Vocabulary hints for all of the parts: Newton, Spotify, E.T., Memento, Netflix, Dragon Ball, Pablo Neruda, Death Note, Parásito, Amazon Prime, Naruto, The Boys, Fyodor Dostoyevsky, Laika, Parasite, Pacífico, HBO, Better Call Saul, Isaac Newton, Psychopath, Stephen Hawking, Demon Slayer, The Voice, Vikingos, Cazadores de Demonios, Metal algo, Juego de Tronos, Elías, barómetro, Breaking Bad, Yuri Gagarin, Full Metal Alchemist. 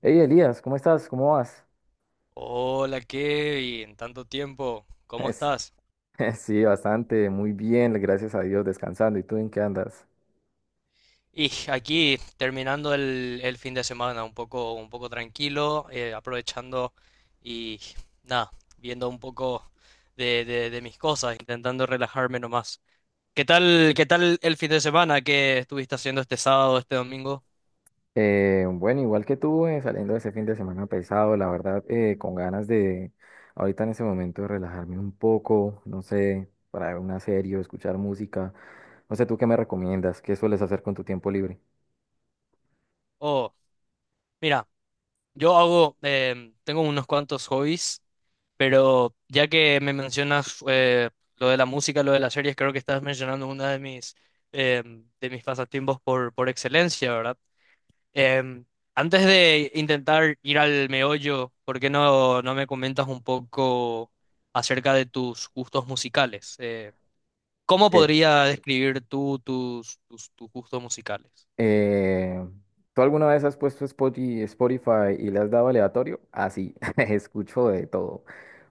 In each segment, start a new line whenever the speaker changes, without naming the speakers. Hey Elías, ¿cómo estás? ¿Cómo vas?
Hola Kevin, tanto tiempo, ¿cómo
Es-
estás?
sí, bastante, muy bien, gracias a Dios, descansando. ¿Y tú en qué andas?
Y aquí terminando el fin de semana, un poco tranquilo, aprovechando y nada, viendo un poco de mis cosas, intentando relajarme nomás. Qué tal el fin de semana que estuviste haciendo este sábado, este domingo?
Bueno, igual que tú, saliendo de ese fin de semana pesado, la verdad, con ganas de ahorita en ese momento de relajarme un poco, no sé, para ver una serie o escuchar música. No sé, ¿tú qué me recomiendas? ¿Qué sueles hacer con tu tiempo libre?
Oh, mira, tengo unos cuantos hobbies. Pero ya que me mencionas lo de la música, lo de las series, creo que estás mencionando una de mis de mis pasatiempos por excelencia, ¿verdad? Em, Antes de intentar ir al meollo, ¿por qué no me comentas un poco acerca de tus gustos musicales? ¿Cómo podría describir tú tus gustos musicales?
Eh, ¿Tú alguna vez has puesto Spotify y le has dado aleatorio? Ah, sí, escucho de todo,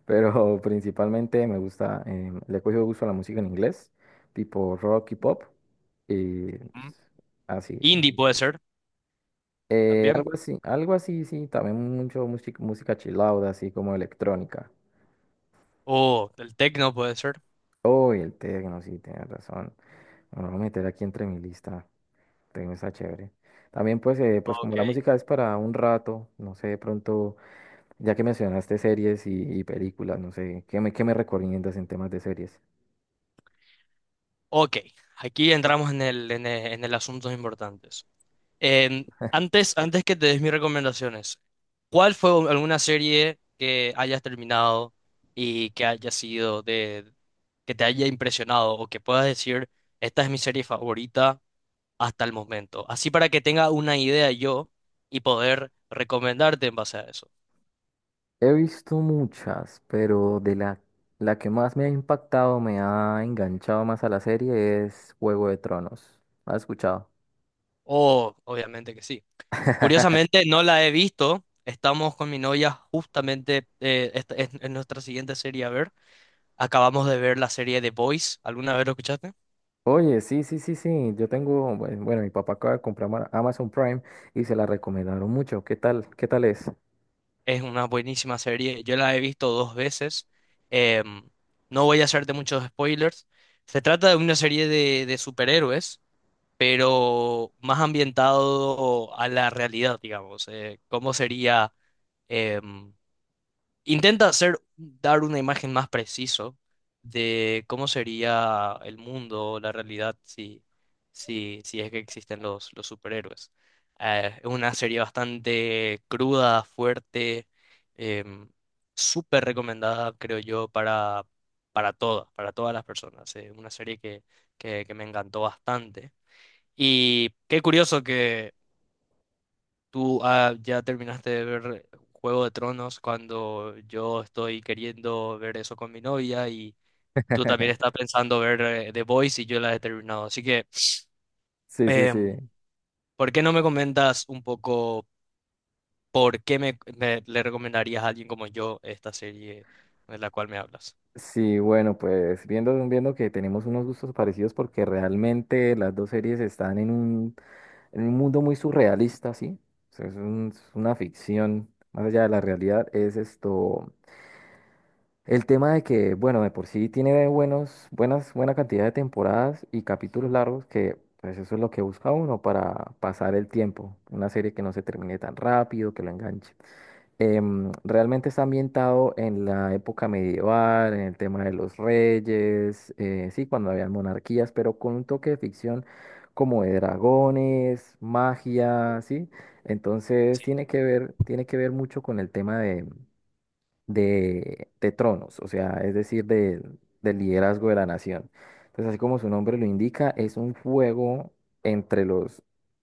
pero principalmente me gusta, le he cogido gusto a la música en inglés, tipo rock y pop, y
Ujú.
pues, así, sí.
Indie puede ser también,
Algo así, algo así, sí, también mucho música, música chill out, así como electrónica.
o el techno puede ser.
Oh, y el techno, sí, tienes razón. Me lo voy a meter aquí entre mi lista, techno está chévere. También pues, pues como la
Ok.
música es para un rato, no sé, de pronto. Ya que mencionaste series y películas, no sé, ¿qué me recomiendas en temas de series?
Ok, aquí entramos en en el asuntos importantes. Em, Antes que te des mis recomendaciones, ¿cuál fue u- alguna serie que hayas terminado y que haya sido de, que te haya impresionado o que puedas decir, esta es mi serie favorita hasta el momento? Así para que tenga una idea yo y poder recomendarte en base a eso.
He visto muchas, pero la que más me ha impactado, me ha enganchado más a la serie es Juego de Tronos. ¿Has escuchado?
Oh, obviamente que sí. Curiosamente no la he visto. Estamos con mi novia justamente es nuestra siguiente serie a ver. Acabamos de ver la serie The Boys. ¿Alguna vez lo escuchaste?
Oye, sí, sí, sí, sí, yo tengo, bueno, mi papá acaba de comprar Amazon Prime y se la recomendaron mucho. ¿Qué tal? ¿Qué tal es?
Es una buenísima serie. Yo la he visto dos veces. Em, no voy a hacerte muchos spoilers. Se trata de una serie de superhéroes, pero más ambientado a la realidad, digamos. ¿Cómo sería? em, Intenta hacer, dar una imagen más preciso de cómo sería el mundo, la realidad, si es que existen los superhéroes. Es una serie bastante cruda, fuerte, em, súper recomendada, creo yo, para todas las personas. Es una serie que me encantó bastante. Y qué curioso, tú ah, ya terminaste de ver Juego de Tronos cuando yo estoy queriendo ver eso con mi novia y tú también estás pensando ver The Boys y yo la he terminado. Así que,
Sí, sí, sí.
em, ¿por qué no me comentas un poco por qué le recomendarías a alguien como yo esta serie de la cual me hablas?
Sí, bueno, pues viendo que tenemos unos gustos parecidos porque realmente las dos series están en en un mundo muy surrealista, ¿sí? O sea, es una ficción, más allá de la realidad, es esto, el tema de que, bueno, de por sí tiene buena cantidad de temporadas y capítulos largos que, pues eso es lo que busca uno para pasar el tiempo, una serie que no se termine tan rápido, que lo enganche. Realmente está ambientado en la época medieval, en el tema de los reyes, sí, cuando habían monarquías, pero con un toque de ficción como de dragones, magia, sí. Entonces tiene que ver mucho con el tema de tronos, o sea, es decir, del liderazgo de la nación. Entonces, así como su nombre lo indica, es un fuego entre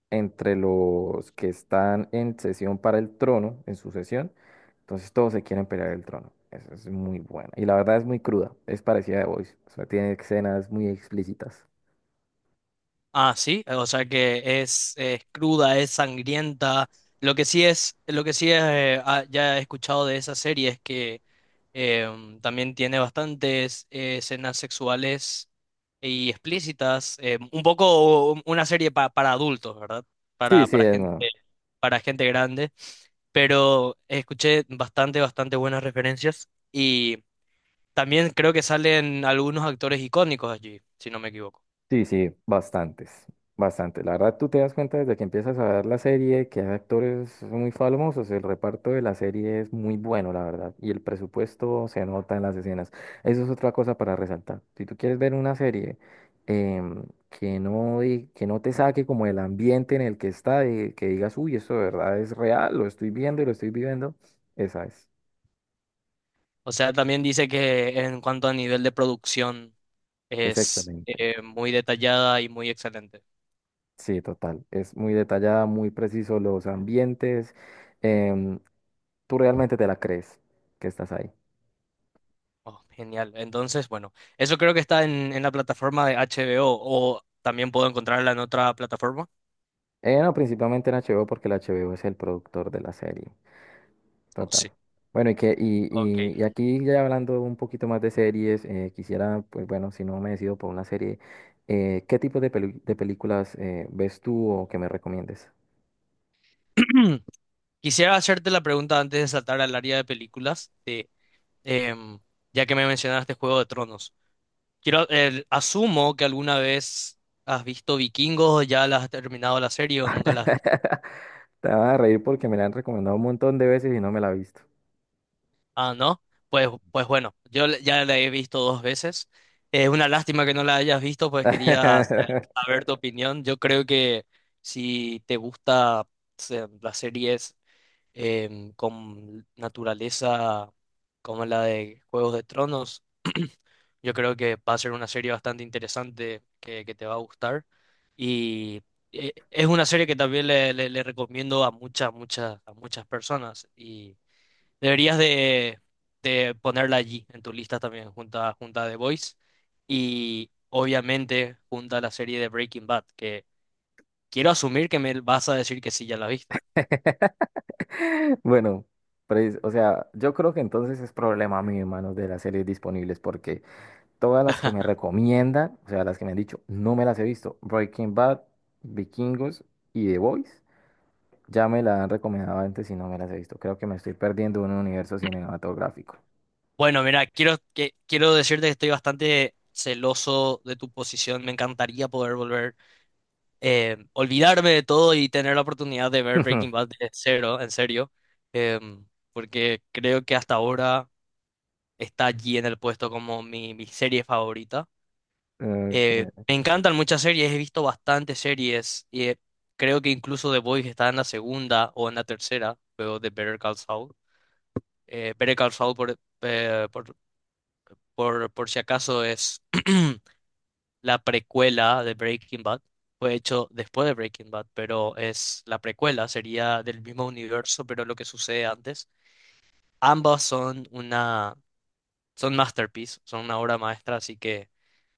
entre los que están en sesión para el trono, en sucesión. Entonces, todos se quieren pelear el trono. Eso es muy bueno. Y la verdad es muy cruda, es parecida a The Voice. O sea, tiene escenas muy explícitas.
Ah, sí, o sea que es cruda, es sangrienta. Lo que sí es, ya he escuchado de esa serie es que también tiene bastantes escenas sexuales y explícitas. Un poco u- una serie pa- para adultos, ¿verdad?
Sí, sí,
Para
es,
gente,
no.
para gente grande. Pero escuché bastante, bastante buenas referencias y también creo que salen algunos actores icónicos allí, si no me equivoco.
Sí, sí, bastantes, bastantes. La verdad, tú te das cuenta desde que empiezas a ver la serie que hay actores muy famosos. El reparto de la serie es muy bueno, la verdad. Y el presupuesto se nota en las escenas. Eso es otra cosa para resaltar. Si tú quieres ver una serie em, que no, que no te saque como el ambiente en el que está, de que digas, uy, eso de verdad es real, lo estoy viendo y lo estoy viviendo, esa es.
O sea, también dice que en cuanto a nivel de producción
Es
es
excelente.
muy detallada y muy excelente.
Sí, total. Es muy detallada, muy preciso los ambientes. em, Tú realmente te la crees que estás ahí.
Oh, genial. Entonces, bueno, eso creo que está en la plataforma de HBO o también puedo encontrarla en otra plataforma.
No, principalmente en HBO porque el HBO es el productor de la serie.
Oh,
Total.
sí.
Bueno, y, que, y,
Ok.
y, y aquí ya hablando un poquito más de series, quisiera, pues bueno, si no me decido por una serie, ¿qué tipo de, de películas ves tú o que me recomiendes?
Quisiera hacerte la pregunta antes de saltar al área de películas, em, ya que me mencionaste Juego de Tronos. Asumo que alguna vez has visto Vikingos, ya la has terminado la serie o nunca la has.
Te vas a reír porque me la han recomendado un montón de veces y no me la he visto.
¿Ah, no? Pues, pues bueno, yo le- ya la he visto dos veces. Es una lástima que no la hayas visto, pues quería sa- saber tu opinión. Yo creo que si te gusta se- las series con naturaleza como la de Juegos de Tronos, yo creo que va a ser una serie bastante interesante que te va a gustar. Y es una serie que también le recomiendo a muchas, muchas, a muchas personas. Deberías de, de ponerla allí en tu lista también, junto a The Voice y obviamente junto a la serie de Breaking Bad, que quiero asumir que me vas a decir que sí, ya la viste.
Bueno, pues, o sea, yo creo que entonces es problema mío, hermanos, de las series disponibles, porque todas las que me recomiendan, o sea, las que me han dicho, no me las he visto. Breaking Bad, Vikingos y The Boys, ya me la han recomendado antes y no me las he visto. Creo que me estoy perdiendo un universo cinematográfico.
Bueno, mira, quiero decirte que estoy bastante celoso de tu posición. Me encantaría poder volver, olvidarme de todo y tener la oportunidad de ver Breaking Bad de cero, en serio, em, porque creo que hasta ahora está allí en el puesto como mi serie favorita.
Ok.
Me encantan muchas series, he visto bastantes series y creo que incluso The Boys está en la segunda o en la tercera, pero de Better Call Saul. Better Call Saul, por si acaso, es la precuela de Breaking Bad. Fue hecho después de Breaking Bad, pero es la precuela, sería del mismo universo, pero lo que sucede antes. Ambas son una, Son masterpiece, son una obra maestra, así que...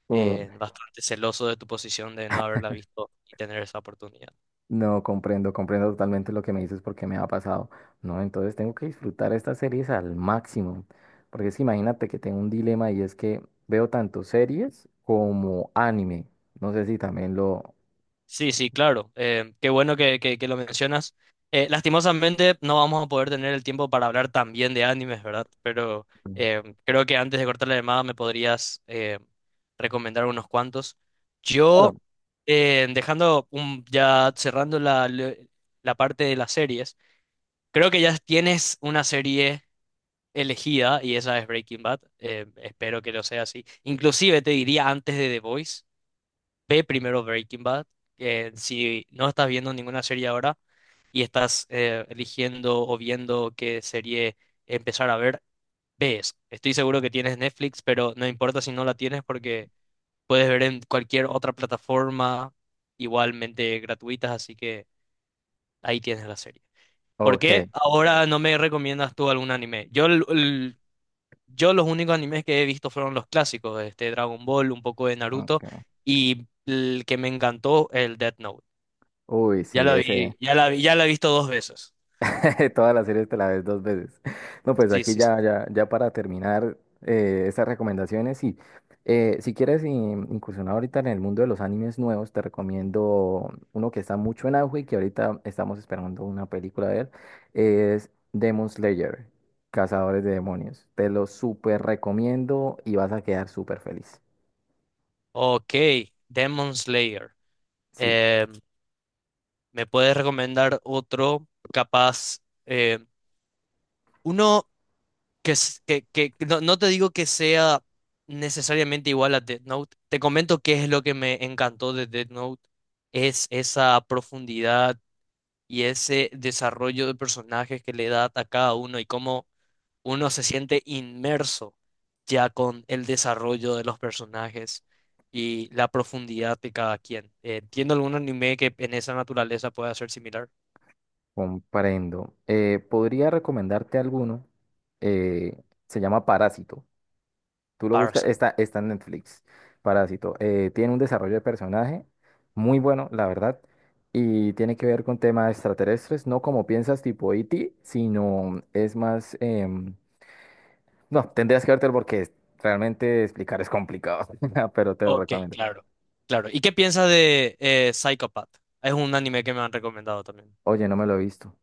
Uh,
bastante celoso de tu posición de no haberla visto y tener esa oportunidad.
no comprendo, comprendo totalmente lo que me dices porque me ha pasado. No, entonces tengo que disfrutar estas series al máximo. Porque es que imagínate que tengo un dilema y es que veo tanto series como anime. No sé si también lo...
Sí, sí, claro. Qué bueno que lo mencionas. Lastimosamente no vamos a poder tener el tiempo para hablar también de animes, ¿verdad? Pero creo que antes de cortar la llamada me podrías recomendar unos cuantos. Yo,
Claro.
Dejando un- ya cerrando la parte de las series, creo que ya tienes una serie elegida y esa es Breaking Bad. Eh, espero que lo sea así. Inclusive te diría antes de The Voice, ve primero Breaking Bad. Que si no estás viendo ninguna serie ahora y estás eligiendo o viendo qué serie empezar a ver, ves. Estoy seguro que tienes Netflix, pero no importa si no la tienes porque puedes ver en cualquier otra plataforma igualmente gratuitas, así que ahí tienes la serie. ¿Por qué
Ok.
ahora no me recomiendas tú algún anime? Yo los únicos animes que he visto fueron los clásicos, este Dragon Ball, un poco de Naruto
Ok.
y el que me encantó, el Death Note.
Uy, sí, ese,
Ya la he visto dos veces.
todas las series te la ves dos veces. No, pues
Sí,
aquí
sí, sí.
ya, ya, ya para terminar estas recomendaciones, y si quieres incursionar ahorita en el mundo de los animes nuevos, te recomiendo uno que está mucho en auge y que ahorita estamos esperando una película de él, es Demon Slayer, Cazadores de Demonios. Te lo súper recomiendo y vas a quedar súper feliz.
Ok, Demon Slayer.
Sí,
Eh, ¿Me puedes recomendar otro capaz? Eh, uno que, s- Que no, no te digo que sea necesariamente igual a Death Note. Te comento qué es lo que me encantó de Death Note. Es esa profundidad y ese desarrollo de personajes que le da a cada uno y cómo uno se siente inmerso ya con el desarrollo de los personajes y la profundidad de cada quien. ¿Entiendo algún anime que en esa naturaleza pueda ser similar?
comprendo. Podría recomendarte alguno, eh, se llama Parásito. Tú lo buscas,
Parasite.
está, está en Netflix, Parásito. Tiene un desarrollo de personaje muy bueno, la verdad, y tiene que ver con temas extraterrestres, no como piensas tipo E.T., sino es más... em, no, tendrías que vértelo porque realmente explicar es complicado, pero te lo
Ok,
recomiendo.
claro. Claro. ¿Y qué piensas de Psychopath? Es un anime que me han recomendado también.
Oye, no me lo he visto.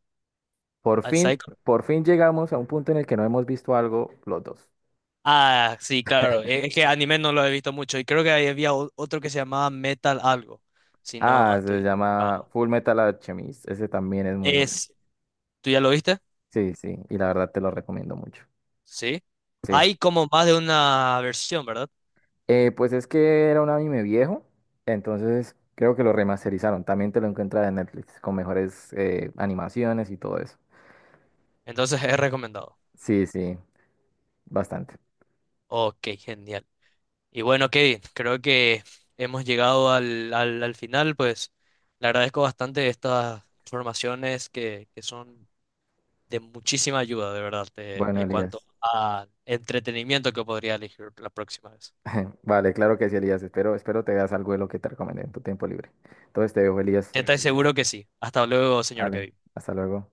Por
Ah,
fin,
Psycho-
por fin llegamos a un punto en el que no hemos visto algo los dos.
Ah, sí, claro. Es que anime no lo he visto mucho y creo que ahí había o- otro que se llamaba Metal algo, si no
Ah, se
estoy...
llama Full Metal Alchemist, ese también es muy bueno.
Es, ¿tú ya lo viste?
Sí, sí, y la verdad te lo recomiendo mucho.
Sí.
Sí.
Hay como más de una versión, ¿verdad?
Pues es que era un anime viejo, entonces creo que lo remasterizaron. También te lo encuentras en Netflix con mejores animaciones y todo eso.
Entonces es recomendado.
Sí, sí, bastante.
Ok, genial. Y bueno, Kevin, creo que hemos llegado al final, pues le agradezco bastante estas informaciones que son de muchísima ayuda, de verdad, de-
Bueno,
en cuanto
Elías.
a entretenimiento que podría elegir la próxima vez.
Vale, claro que sí, Elías. Espero, espero te veas algo de lo que te recomendé en tu tiempo libre. Entonces te dejo, Elías.
Te seguro que sí. Hasta luego, señor
Vale,
Kevin.
hasta luego.